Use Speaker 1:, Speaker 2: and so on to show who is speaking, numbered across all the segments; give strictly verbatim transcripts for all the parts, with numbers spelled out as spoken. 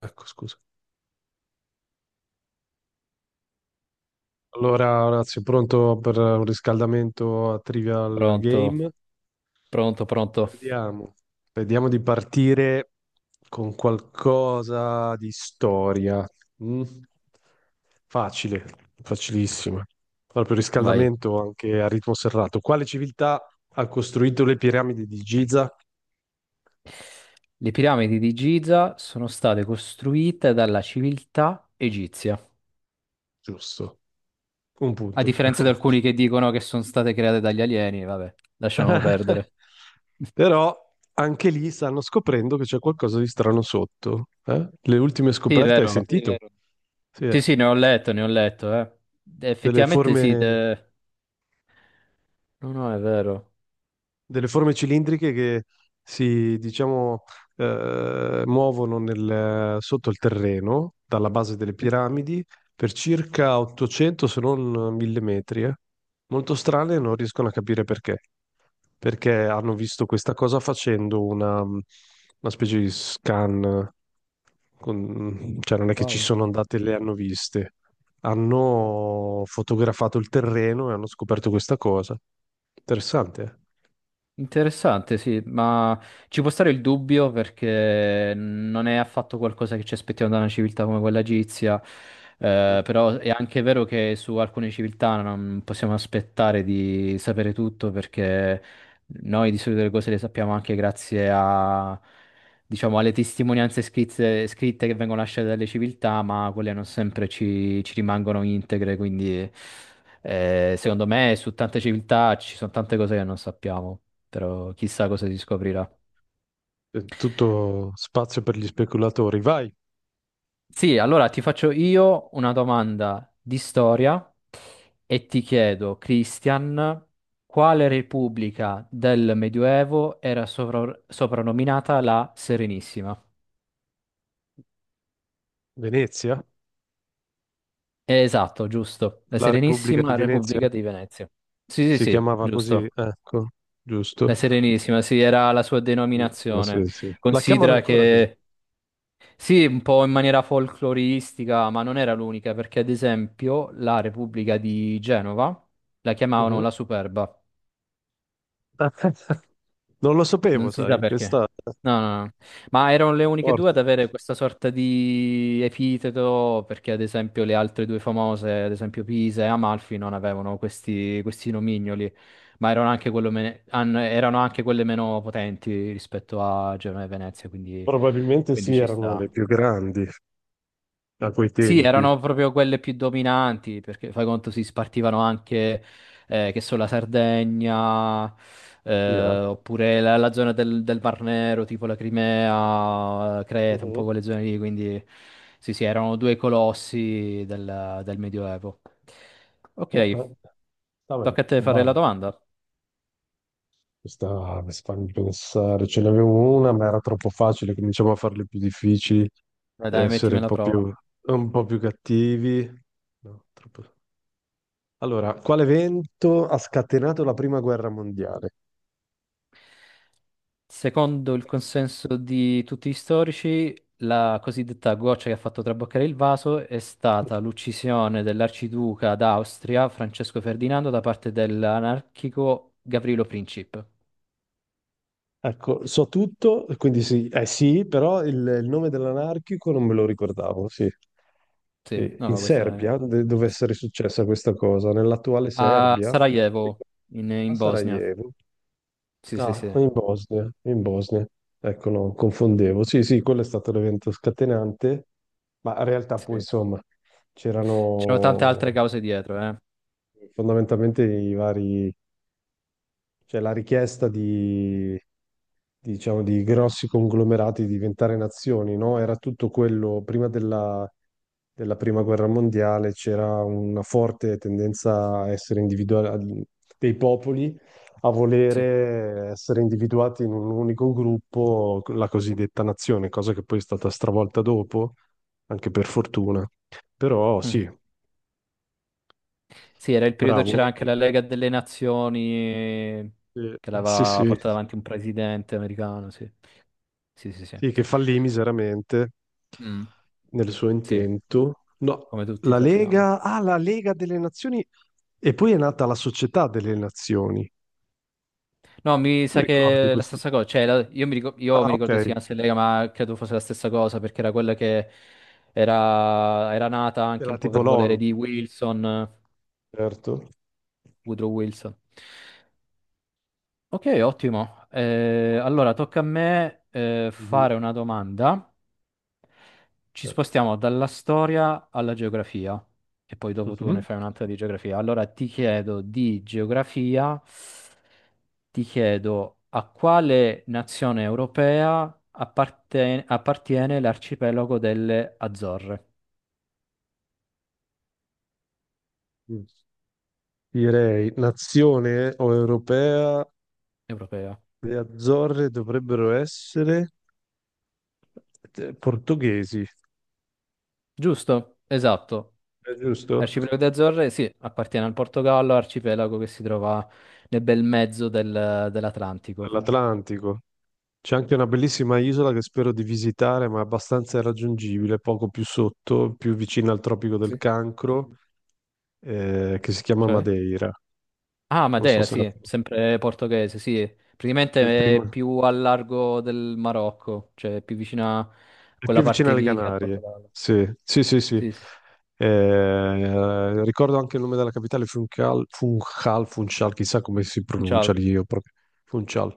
Speaker 1: Ecco, scusa. Allora, Orazio, pronto per un riscaldamento a Trivial
Speaker 2: Pronto,
Speaker 1: Game?
Speaker 2: pronto, pronto.
Speaker 1: Vediamo. Vediamo di partire con qualcosa di storia. Mm? Facile, facilissima. Proprio
Speaker 2: Vai.
Speaker 1: riscaldamento anche a ritmo serrato. Quale civiltà ha costruito le piramidi di Giza?
Speaker 2: Le piramidi di Giza sono state costruite dalla civiltà egizia,
Speaker 1: Giusto, un
Speaker 2: a
Speaker 1: punto.
Speaker 2: differenza di alcuni che dicono che sono state create dagli alieni, vabbè, lasciamo perdere.
Speaker 1: Però anche lì stanno scoprendo che c'è qualcosa di strano sotto. Eh? Le ultime
Speaker 2: Sì, è
Speaker 1: scoperte hai sì, è
Speaker 2: vero.
Speaker 1: sentito? Vero. Sì,
Speaker 2: Sì,
Speaker 1: eh.
Speaker 2: sì, ne ho letto, ne ho letto, eh.
Speaker 1: Delle
Speaker 2: Effettivamente
Speaker 1: forme.
Speaker 2: sì, eh, no, no, è vero.
Speaker 1: delle forme cilindriche che si, diciamo, eh, muovono nel- sotto il terreno, dalla base delle piramidi, per circa ottocento se non mille metri. Eh. Molto strane, e non riescono a capire perché. Perché hanno visto questa cosa facendo una, una specie di scan, con- cioè non è che ci
Speaker 2: Wow.
Speaker 1: sono andate e le hanno viste. Hanno fotografato il terreno e hanno scoperto questa cosa. Interessante,
Speaker 2: Interessante, sì, ma ci può stare il dubbio perché non è affatto qualcosa che ci aspettiamo da una civiltà come quella egizia, eh,
Speaker 1: eh?
Speaker 2: però è anche vero che su alcune civiltà non possiamo aspettare di sapere tutto perché noi di solito le cose le sappiamo anche grazie a, diciamo, alle testimonianze scritte, scritte che vengono lasciate dalle civiltà, ma quelle non sempre ci, ci rimangono integre, quindi eh,
Speaker 1: Eh,
Speaker 2: secondo me su tante civiltà ci sono tante cose che non sappiamo, però chissà cosa si scoprirà.
Speaker 1: eh, Tutto spazio per gli speculatori. Vai,
Speaker 2: Sì, allora ti faccio io una domanda di storia e ti chiedo, Christian, quale repubblica del Medioevo era sovra- soprannominata la Serenissima?
Speaker 1: Venezia,
Speaker 2: Eh, Esatto, giusto. La
Speaker 1: la Repubblica di
Speaker 2: Serenissima
Speaker 1: Venezia
Speaker 2: Repubblica di Venezia. Sì, sì,
Speaker 1: si
Speaker 2: sì,
Speaker 1: chiamava così,
Speaker 2: giusto.
Speaker 1: ecco,
Speaker 2: La
Speaker 1: giusto?
Speaker 2: Serenissima, sì, era la sua
Speaker 1: Benissimo, sì,
Speaker 2: denominazione.
Speaker 1: sì. La chiamano
Speaker 2: Considera
Speaker 1: ancora così.
Speaker 2: che sì, un po' in maniera folcloristica, ma non era l'unica, perché ad esempio la Repubblica di Genova la chiamavano
Speaker 1: Mhm.
Speaker 2: la Superba,
Speaker 1: Non lo sapevo,
Speaker 2: non si sa
Speaker 1: sai,
Speaker 2: perché.
Speaker 1: questa è
Speaker 2: No, no, no. Ma erano le uniche due ad
Speaker 1: forte.
Speaker 2: avere questa sorta di epiteto, perché ad esempio le altre due famose, ad esempio Pisa e Amalfi, non avevano questi, questi nomignoli, ma erano anche, quello me- an- erano anche quelle meno potenti rispetto a Genova e Venezia, quindi,
Speaker 1: Probabilmente
Speaker 2: quindi
Speaker 1: sì,
Speaker 2: ci
Speaker 1: erano le
Speaker 2: sta.
Speaker 1: più grandi a quei
Speaker 2: Sì,
Speaker 1: tempi.
Speaker 2: erano proprio quelle più dominanti, perché fai conto si spartivano anche, eh, che so, la Sardegna,
Speaker 1: Sì, eh.
Speaker 2: eh, oppure la, la zona del, del Mar Nero, tipo la Crimea, Creta, un po'
Speaker 1: Mhm.
Speaker 2: quelle zone lì, quindi sì, sì, erano due colossi del, del Medioevo.
Speaker 1: Eh, eh.
Speaker 2: Ok,
Speaker 1: Va bene,
Speaker 2: tocca a te fare
Speaker 1: vai.
Speaker 2: la domanda.
Speaker 1: Questa mi fa pensare, ce n'avevo una, ma era troppo facile, cominciamo a farle più difficili,
Speaker 2: Dai,
Speaker 1: e
Speaker 2: dai,
Speaker 1: essere
Speaker 2: mettimi
Speaker 1: un
Speaker 2: alla
Speaker 1: po'
Speaker 2: prova.
Speaker 1: più, un po' più cattivi. No, troppo- Allora, quale evento ha scatenato la prima guerra mondiale?
Speaker 2: Secondo il consenso di tutti gli storici, la cosiddetta goccia che ha fatto traboccare il vaso è stata l'uccisione dell'arciduca d'Austria Francesco Ferdinando da parte dell'anarchico Gavrilo Princip.
Speaker 1: Ecco, so tutto, quindi sì, eh sì, però il, il nome dell'anarchico non me lo ricordavo, sì.
Speaker 2: Sì,
Speaker 1: Sì,
Speaker 2: no,
Speaker 1: in
Speaker 2: ma questo è
Speaker 1: Serbia de-
Speaker 2: molto
Speaker 1: dove
Speaker 2: complesso.
Speaker 1: essere successa questa cosa, nell'attuale
Speaker 2: A
Speaker 1: Serbia,
Speaker 2: Sarajevo, in,
Speaker 1: a
Speaker 2: in Bosnia.
Speaker 1: Sarajevo.
Speaker 2: Sì, sì,
Speaker 1: Ah,
Speaker 2: sì.
Speaker 1: in Bosnia, in Bosnia. Ecco, no, confondevo. Sì, sì, quello è stato l'evento scatenante. Ma in realtà poi
Speaker 2: Sì.
Speaker 1: insomma
Speaker 2: C'erano tante
Speaker 1: c'erano
Speaker 2: altre cause dietro, eh.
Speaker 1: fondamentalmente i vari, cioè la richiesta di, diciamo, di grossi conglomerati di diventare nazioni, no? Era tutto quello, prima della, della prima guerra mondiale c'era una forte tendenza a essere individuali, dei popoli a
Speaker 2: Sì.
Speaker 1: volere essere individuati in un unico gruppo, la cosiddetta nazione, cosa che poi è stata stravolta dopo, anche per fortuna. Però sì,
Speaker 2: Mhm. Sì, era
Speaker 1: sì,
Speaker 2: il periodo,
Speaker 1: bravo.
Speaker 2: c'era anche la Lega delle Nazioni
Speaker 1: Eh,
Speaker 2: che
Speaker 1: Sì,
Speaker 2: l'aveva
Speaker 1: sì,
Speaker 2: portata avanti un presidente americano, sì. Sì, sì, sì.
Speaker 1: sì, che fallì miseramente
Speaker 2: Mm,
Speaker 1: nel suo
Speaker 2: sì, com-
Speaker 1: intento. No,
Speaker 2: come tutti
Speaker 1: la
Speaker 2: sappiamo.
Speaker 1: Lega, ah, la Lega delle Nazioni e poi è nata la Società delle Nazioni.
Speaker 2: No, mi
Speaker 1: Tu
Speaker 2: sa
Speaker 1: ricordi
Speaker 2: che è la
Speaker 1: questo?
Speaker 2: stessa cosa. Cioè, la- io, mi ricor- io
Speaker 1: Ah,
Speaker 2: mi
Speaker 1: ok,
Speaker 2: ricordo che si chiamasse Lega, ma credo fosse la stessa cosa, perché era quella che era, era nata anche
Speaker 1: era
Speaker 2: un po'
Speaker 1: tipo
Speaker 2: per volere
Speaker 1: l'ONU.
Speaker 2: di Wilson, eh,
Speaker 1: Certo.
Speaker 2: Woodrow Wilson. Ok, ottimo. Eh, allora, tocca a me, eh,
Speaker 1: Mhm.
Speaker 2: fare una domanda. Ci
Speaker 1: Eh,
Speaker 2: spostiamo dalla storia alla geografia e poi dopo tu
Speaker 1: mhm.
Speaker 2: ne fai un'altra di geografia. Allora ti chiedo di geografia, ti chiedo a quale nazione europea apparten- appartiene l'arcipelago delle Azzorre
Speaker 1: Mm. Direi, nazione o europea,
Speaker 2: europea.
Speaker 1: le Azzorre dovrebbero essere eh, portoghesi,
Speaker 2: Giusto? Esatto.
Speaker 1: è giusto?
Speaker 2: L'arcipelago delle Azzorre, sì, appartiene al Portogallo, arcipelago che si trova nel bel mezzo del- dell'Atlantico.
Speaker 1: Dell'Atlantico. C'è anche una bellissima isola che spero di visitare, ma è abbastanza irraggiungibile, poco più sotto, più vicina al Tropico del
Speaker 2: Sì.
Speaker 1: Cancro, eh, che si chiama
Speaker 2: Cioè?
Speaker 1: Madeira.
Speaker 2: Ah,
Speaker 1: Non so
Speaker 2: Madeira,
Speaker 1: se la
Speaker 2: sì, sempre portoghese, sì.
Speaker 1: è
Speaker 2: Praticamente è
Speaker 1: prima-
Speaker 2: più al largo del Marocco, cioè più vicina a
Speaker 1: è più
Speaker 2: quella
Speaker 1: vicina
Speaker 2: parte
Speaker 1: alle
Speaker 2: lì che al
Speaker 1: Canarie.
Speaker 2: Portogallo.
Speaker 1: Sì, sì, sì, sì.
Speaker 2: Sì, sì, sì.
Speaker 1: Eh, ricordo anche il nome della capitale, Funchal, Funchal, Funchal, chissà come si pronuncia
Speaker 2: Funchal,
Speaker 1: lì, io proprio. Funchal.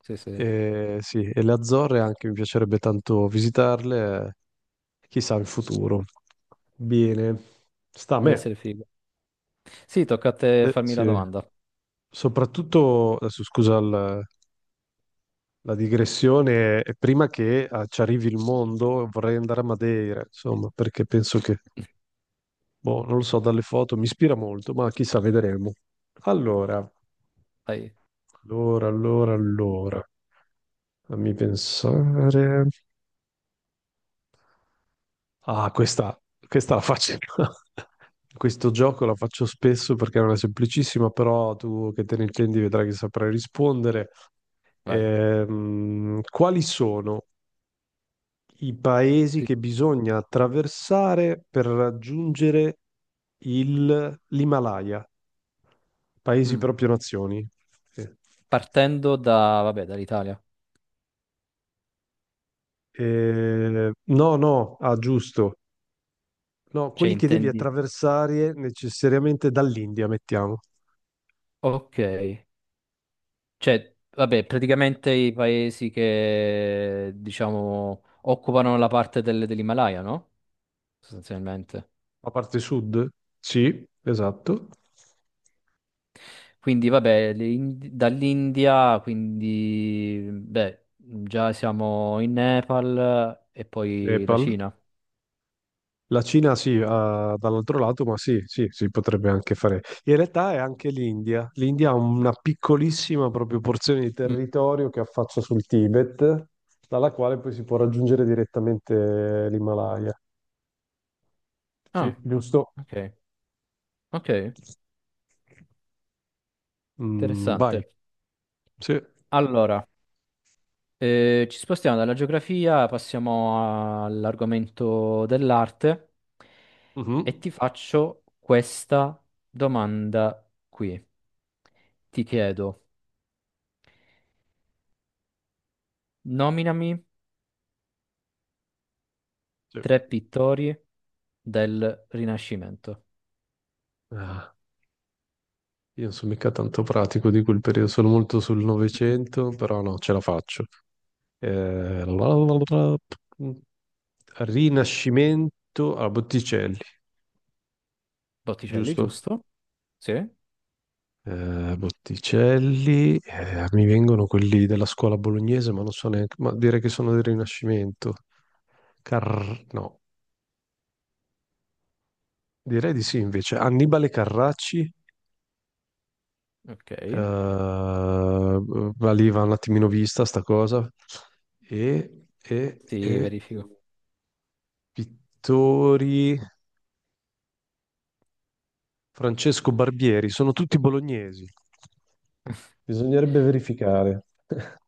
Speaker 2: sì, sì, sì,
Speaker 1: E, sì, e le Azzorre anche mi piacerebbe tanto visitarle, eh, chissà in futuro. Bene, sta a
Speaker 2: deve
Speaker 1: me.
Speaker 2: essere figo. Sì, tocca a te
Speaker 1: Eh,
Speaker 2: farmi la
Speaker 1: sì.
Speaker 2: domanda.
Speaker 1: Soprattutto, adesso scusa il- la digressione, eh, prima che eh, ci arrivi il mondo vorrei andare a Madeira, insomma, perché penso che, boh, non lo so, dalle foto mi ispira molto, ma chissà, vedremo. Allora,
Speaker 2: Vai,
Speaker 1: allora, allora, allora, fammi pensare. Ah, questa, questa la faccio. Questo gioco la faccio spesso perché è una semplicissima, però tu che te ne intendi vedrai che saprai rispondere.
Speaker 2: vai.
Speaker 1: Ehm, quali sono i paesi
Speaker 2: Sì.
Speaker 1: che bisogna attraversare per raggiungere il- l'Himalaya? Paesi
Speaker 2: Mm.
Speaker 1: proprio nazioni. Sì.
Speaker 2: Partendo da, vabbè, dall'Italia.
Speaker 1: Eh, no, no, ah, giusto. No,
Speaker 2: Cioè,
Speaker 1: quelli che devi
Speaker 2: intendi?
Speaker 1: attraversare necessariamente dall'India, mettiamo.
Speaker 2: Ok. Cioè, vabbè, praticamente i paesi che, diciamo, occupano la parte del- dell'Himalaya, no? Sostanzialmente.
Speaker 1: La parte sud? Sì, esatto.
Speaker 2: Quindi vabbè, l'In- dall'India, quindi beh, già siamo in Nepal e poi la
Speaker 1: Nepal.
Speaker 2: Cina.
Speaker 1: La Cina sì, ah, dall'altro lato, ma sì, sì, si potrebbe anche fare. In realtà è anche l'India. L'India ha una piccolissima proprio porzione di
Speaker 2: Mm.
Speaker 1: territorio che affaccia sul Tibet, dalla quale poi si può raggiungere direttamente l'Himalaya. Sì,
Speaker 2: Ah,
Speaker 1: giusto.
Speaker 2: ok, ok,
Speaker 1: Mm, vai.
Speaker 2: interessante.
Speaker 1: Sì.
Speaker 2: Allora, eh, ci spostiamo dalla geografia, passiamo all'argomento dell'arte e
Speaker 1: Mhm.
Speaker 2: ti faccio questa domanda qui. Ti chiedo, nominami
Speaker 1: Sì.
Speaker 2: tre pittori del Rinascimento.
Speaker 1: Ah, io non sono mica tanto pratico di quel periodo, sono molto sul Novecento, però no, ce la faccio. Eh, la- la- la- la- Rinascimento a Botticelli,
Speaker 2: Botticelli,
Speaker 1: giusto?
Speaker 2: giusto? Sì,
Speaker 1: Eh, Botticelli, eh, mi vengono quelli della scuola bolognese, ma non so neanche, ma direi che sono del Rinascimento. Car- no, direi di sì invece. Annibale Carracci, eh,
Speaker 2: ok.
Speaker 1: valiva un attimino vista sta cosa, e, e,
Speaker 2: Sì,
Speaker 1: e
Speaker 2: verifico.
Speaker 1: pittori Francesco Barbieri, sono tutti bolognesi. Bisognerebbe verificare.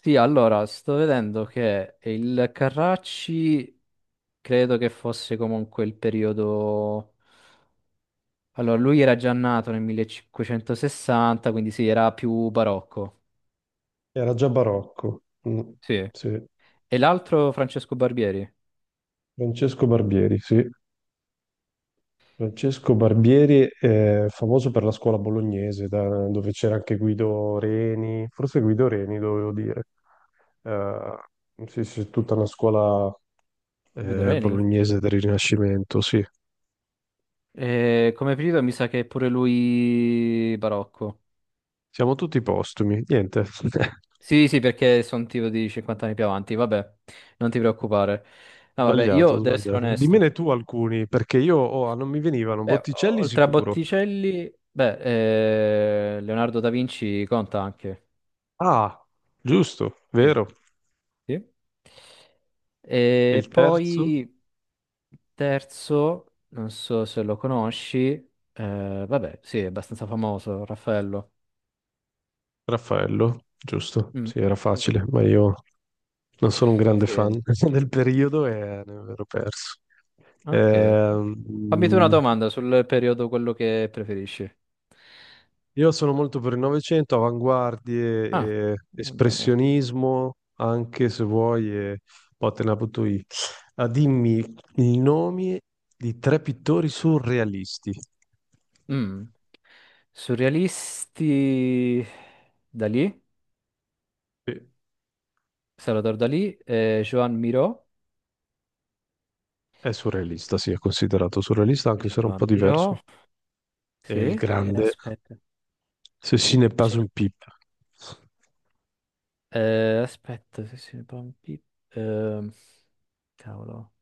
Speaker 2: Sì, allora, sto vedendo che il Carracci credo che fosse comunque il periodo... Allora, lui era già nato nel millecinquecentosessanta, quindi sì, era più barocco.
Speaker 1: Era già barocco. Mm,
Speaker 2: Sì.
Speaker 1: sì.
Speaker 2: E l'altro Francesco Barbieri,
Speaker 1: Francesco Barbieri, sì. Francesco Barbieri è famoso per la scuola bolognese, da- dove c'era anche Guido Reni, forse Guido Reni dovevo dire. Eh, sì, sì, tutta una scuola
Speaker 2: Guido
Speaker 1: eh,
Speaker 2: Reni?
Speaker 1: bolognese del Rinascimento, sì.
Speaker 2: Eh, come periodo mi sa che è pure lui barocco.
Speaker 1: Siamo tutti postumi, niente.
Speaker 2: Sì, sì, perché sono tipo di cinquanta anni più avanti, vabbè, non ti preoccupare. No, vabbè,
Speaker 1: Sbagliato,
Speaker 2: io devo essere
Speaker 1: sbagliato.
Speaker 2: onesto.
Speaker 1: Dimmene tu alcuni, perché io oh, ah, non mi venivano.
Speaker 2: Beh,
Speaker 1: Botticelli
Speaker 2: oltre a
Speaker 1: sicuro.
Speaker 2: Botticelli, beh, eh, Leonardo da Vinci conta anche.
Speaker 1: Ah, giusto,
Speaker 2: Sì,
Speaker 1: vero.
Speaker 2: sì.
Speaker 1: E il
Speaker 2: E
Speaker 1: terzo?
Speaker 2: poi terzo, non so se lo conosci, eh, vabbè, sì, è abbastanza famoso, Raffaello.
Speaker 1: Raffaello, giusto?
Speaker 2: Mm.
Speaker 1: Sì, era facile, ma io non sono un grande
Speaker 2: Sì,
Speaker 1: fan del periodo e ne ero perso.
Speaker 2: ok. Fammi tu una
Speaker 1: Ehm,
Speaker 2: domanda sul periodo quello che preferisci.
Speaker 1: io sono molto per il Novecento,
Speaker 2: Ah,
Speaker 1: avanguardie, e
Speaker 2: va bene.
Speaker 1: espressionismo, anche se vuoi, e poi te la butto io. Ah, dimmi i nomi di tre pittori surrealisti.
Speaker 2: Mm. Surrealisti Dalì,
Speaker 1: Sì,
Speaker 2: Salvador Dalì, eh, Joan Miró.
Speaker 1: è surrealista, sì, è considerato surrealista, anche se era un po'
Speaker 2: Vampiro.
Speaker 1: diverso. È
Speaker 2: Sì,
Speaker 1: il
Speaker 2: eh,
Speaker 1: grande
Speaker 2: aspetta.
Speaker 1: Ceci n'est pas
Speaker 2: Cer-
Speaker 1: une pipe.
Speaker 2: eh, aspetta, se si vampi- ehm, cavolo.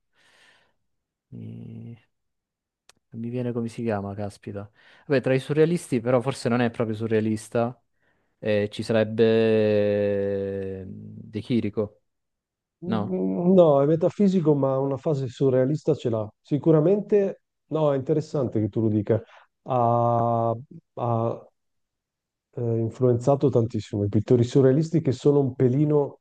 Speaker 2: Mi... non mi viene come si chiama, caspita. Vabbè, tra i surrealisti, però forse non è proprio surrealista, eh, ci sarebbe, eh, De Chirico, no?
Speaker 1: Mm, no, è metafisico, ma una fase surrealista ce l'ha. Sicuramente, no, è interessante che tu lo dica. Ha, ha, eh, influenzato tantissimo i pittori surrealisti che sono un pelino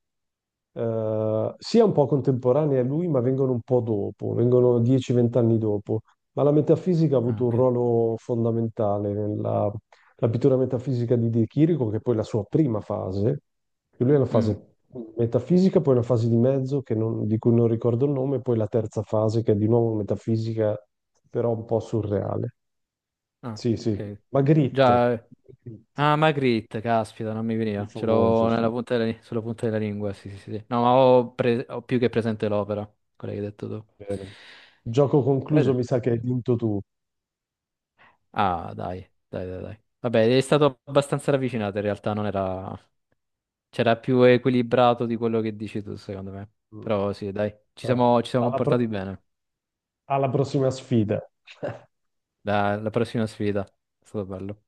Speaker 1: eh, sia un po' contemporanei a lui, ma vengono un po' dopo, vengono dieci venti anni dopo. Ma la metafisica ha
Speaker 2: Ah,
Speaker 1: avuto un
Speaker 2: ok.
Speaker 1: ruolo fondamentale nella la pittura metafisica di De Chirico, che è poi la sua prima fase, che lui è una
Speaker 2: Mm,
Speaker 1: fase metafisica, poi una fase di mezzo che non- di cui non ricordo il nome, poi la terza fase che è di nuovo metafisica, però un po' surreale.
Speaker 2: ah,
Speaker 1: Sì, sì.
Speaker 2: ok. Quindi
Speaker 1: Magritte,
Speaker 2: già.
Speaker 1: Magritte,
Speaker 2: Ah, Magritte, caspita, non mi
Speaker 1: il più
Speaker 2: veniva. Ce
Speaker 1: famoso,
Speaker 2: l'ho
Speaker 1: sì.
Speaker 2: nella punta della, sulla punta della lingua, sì, sì, sì, sì. No, ma ho, pre- ho più che presente l'opera, quella che hai detto tu.
Speaker 1: Bene. Gioco concluso,
Speaker 2: Guarda.
Speaker 1: mi sa che hai vinto tu.
Speaker 2: Ah, dai, dai, dai, dai. Vabbè, è stato abbastanza ravvicinato, in realtà non era... C'era più equilibrato di quello che dici tu, secondo me.
Speaker 1: Mm.
Speaker 2: Però sì, dai, ci
Speaker 1: Eh,
Speaker 2: siamo, ci siamo
Speaker 1: Alla,
Speaker 2: comportati
Speaker 1: pro-
Speaker 2: bene.
Speaker 1: alla prossima sfida.
Speaker 2: La, la prossima sfida, è stato bello.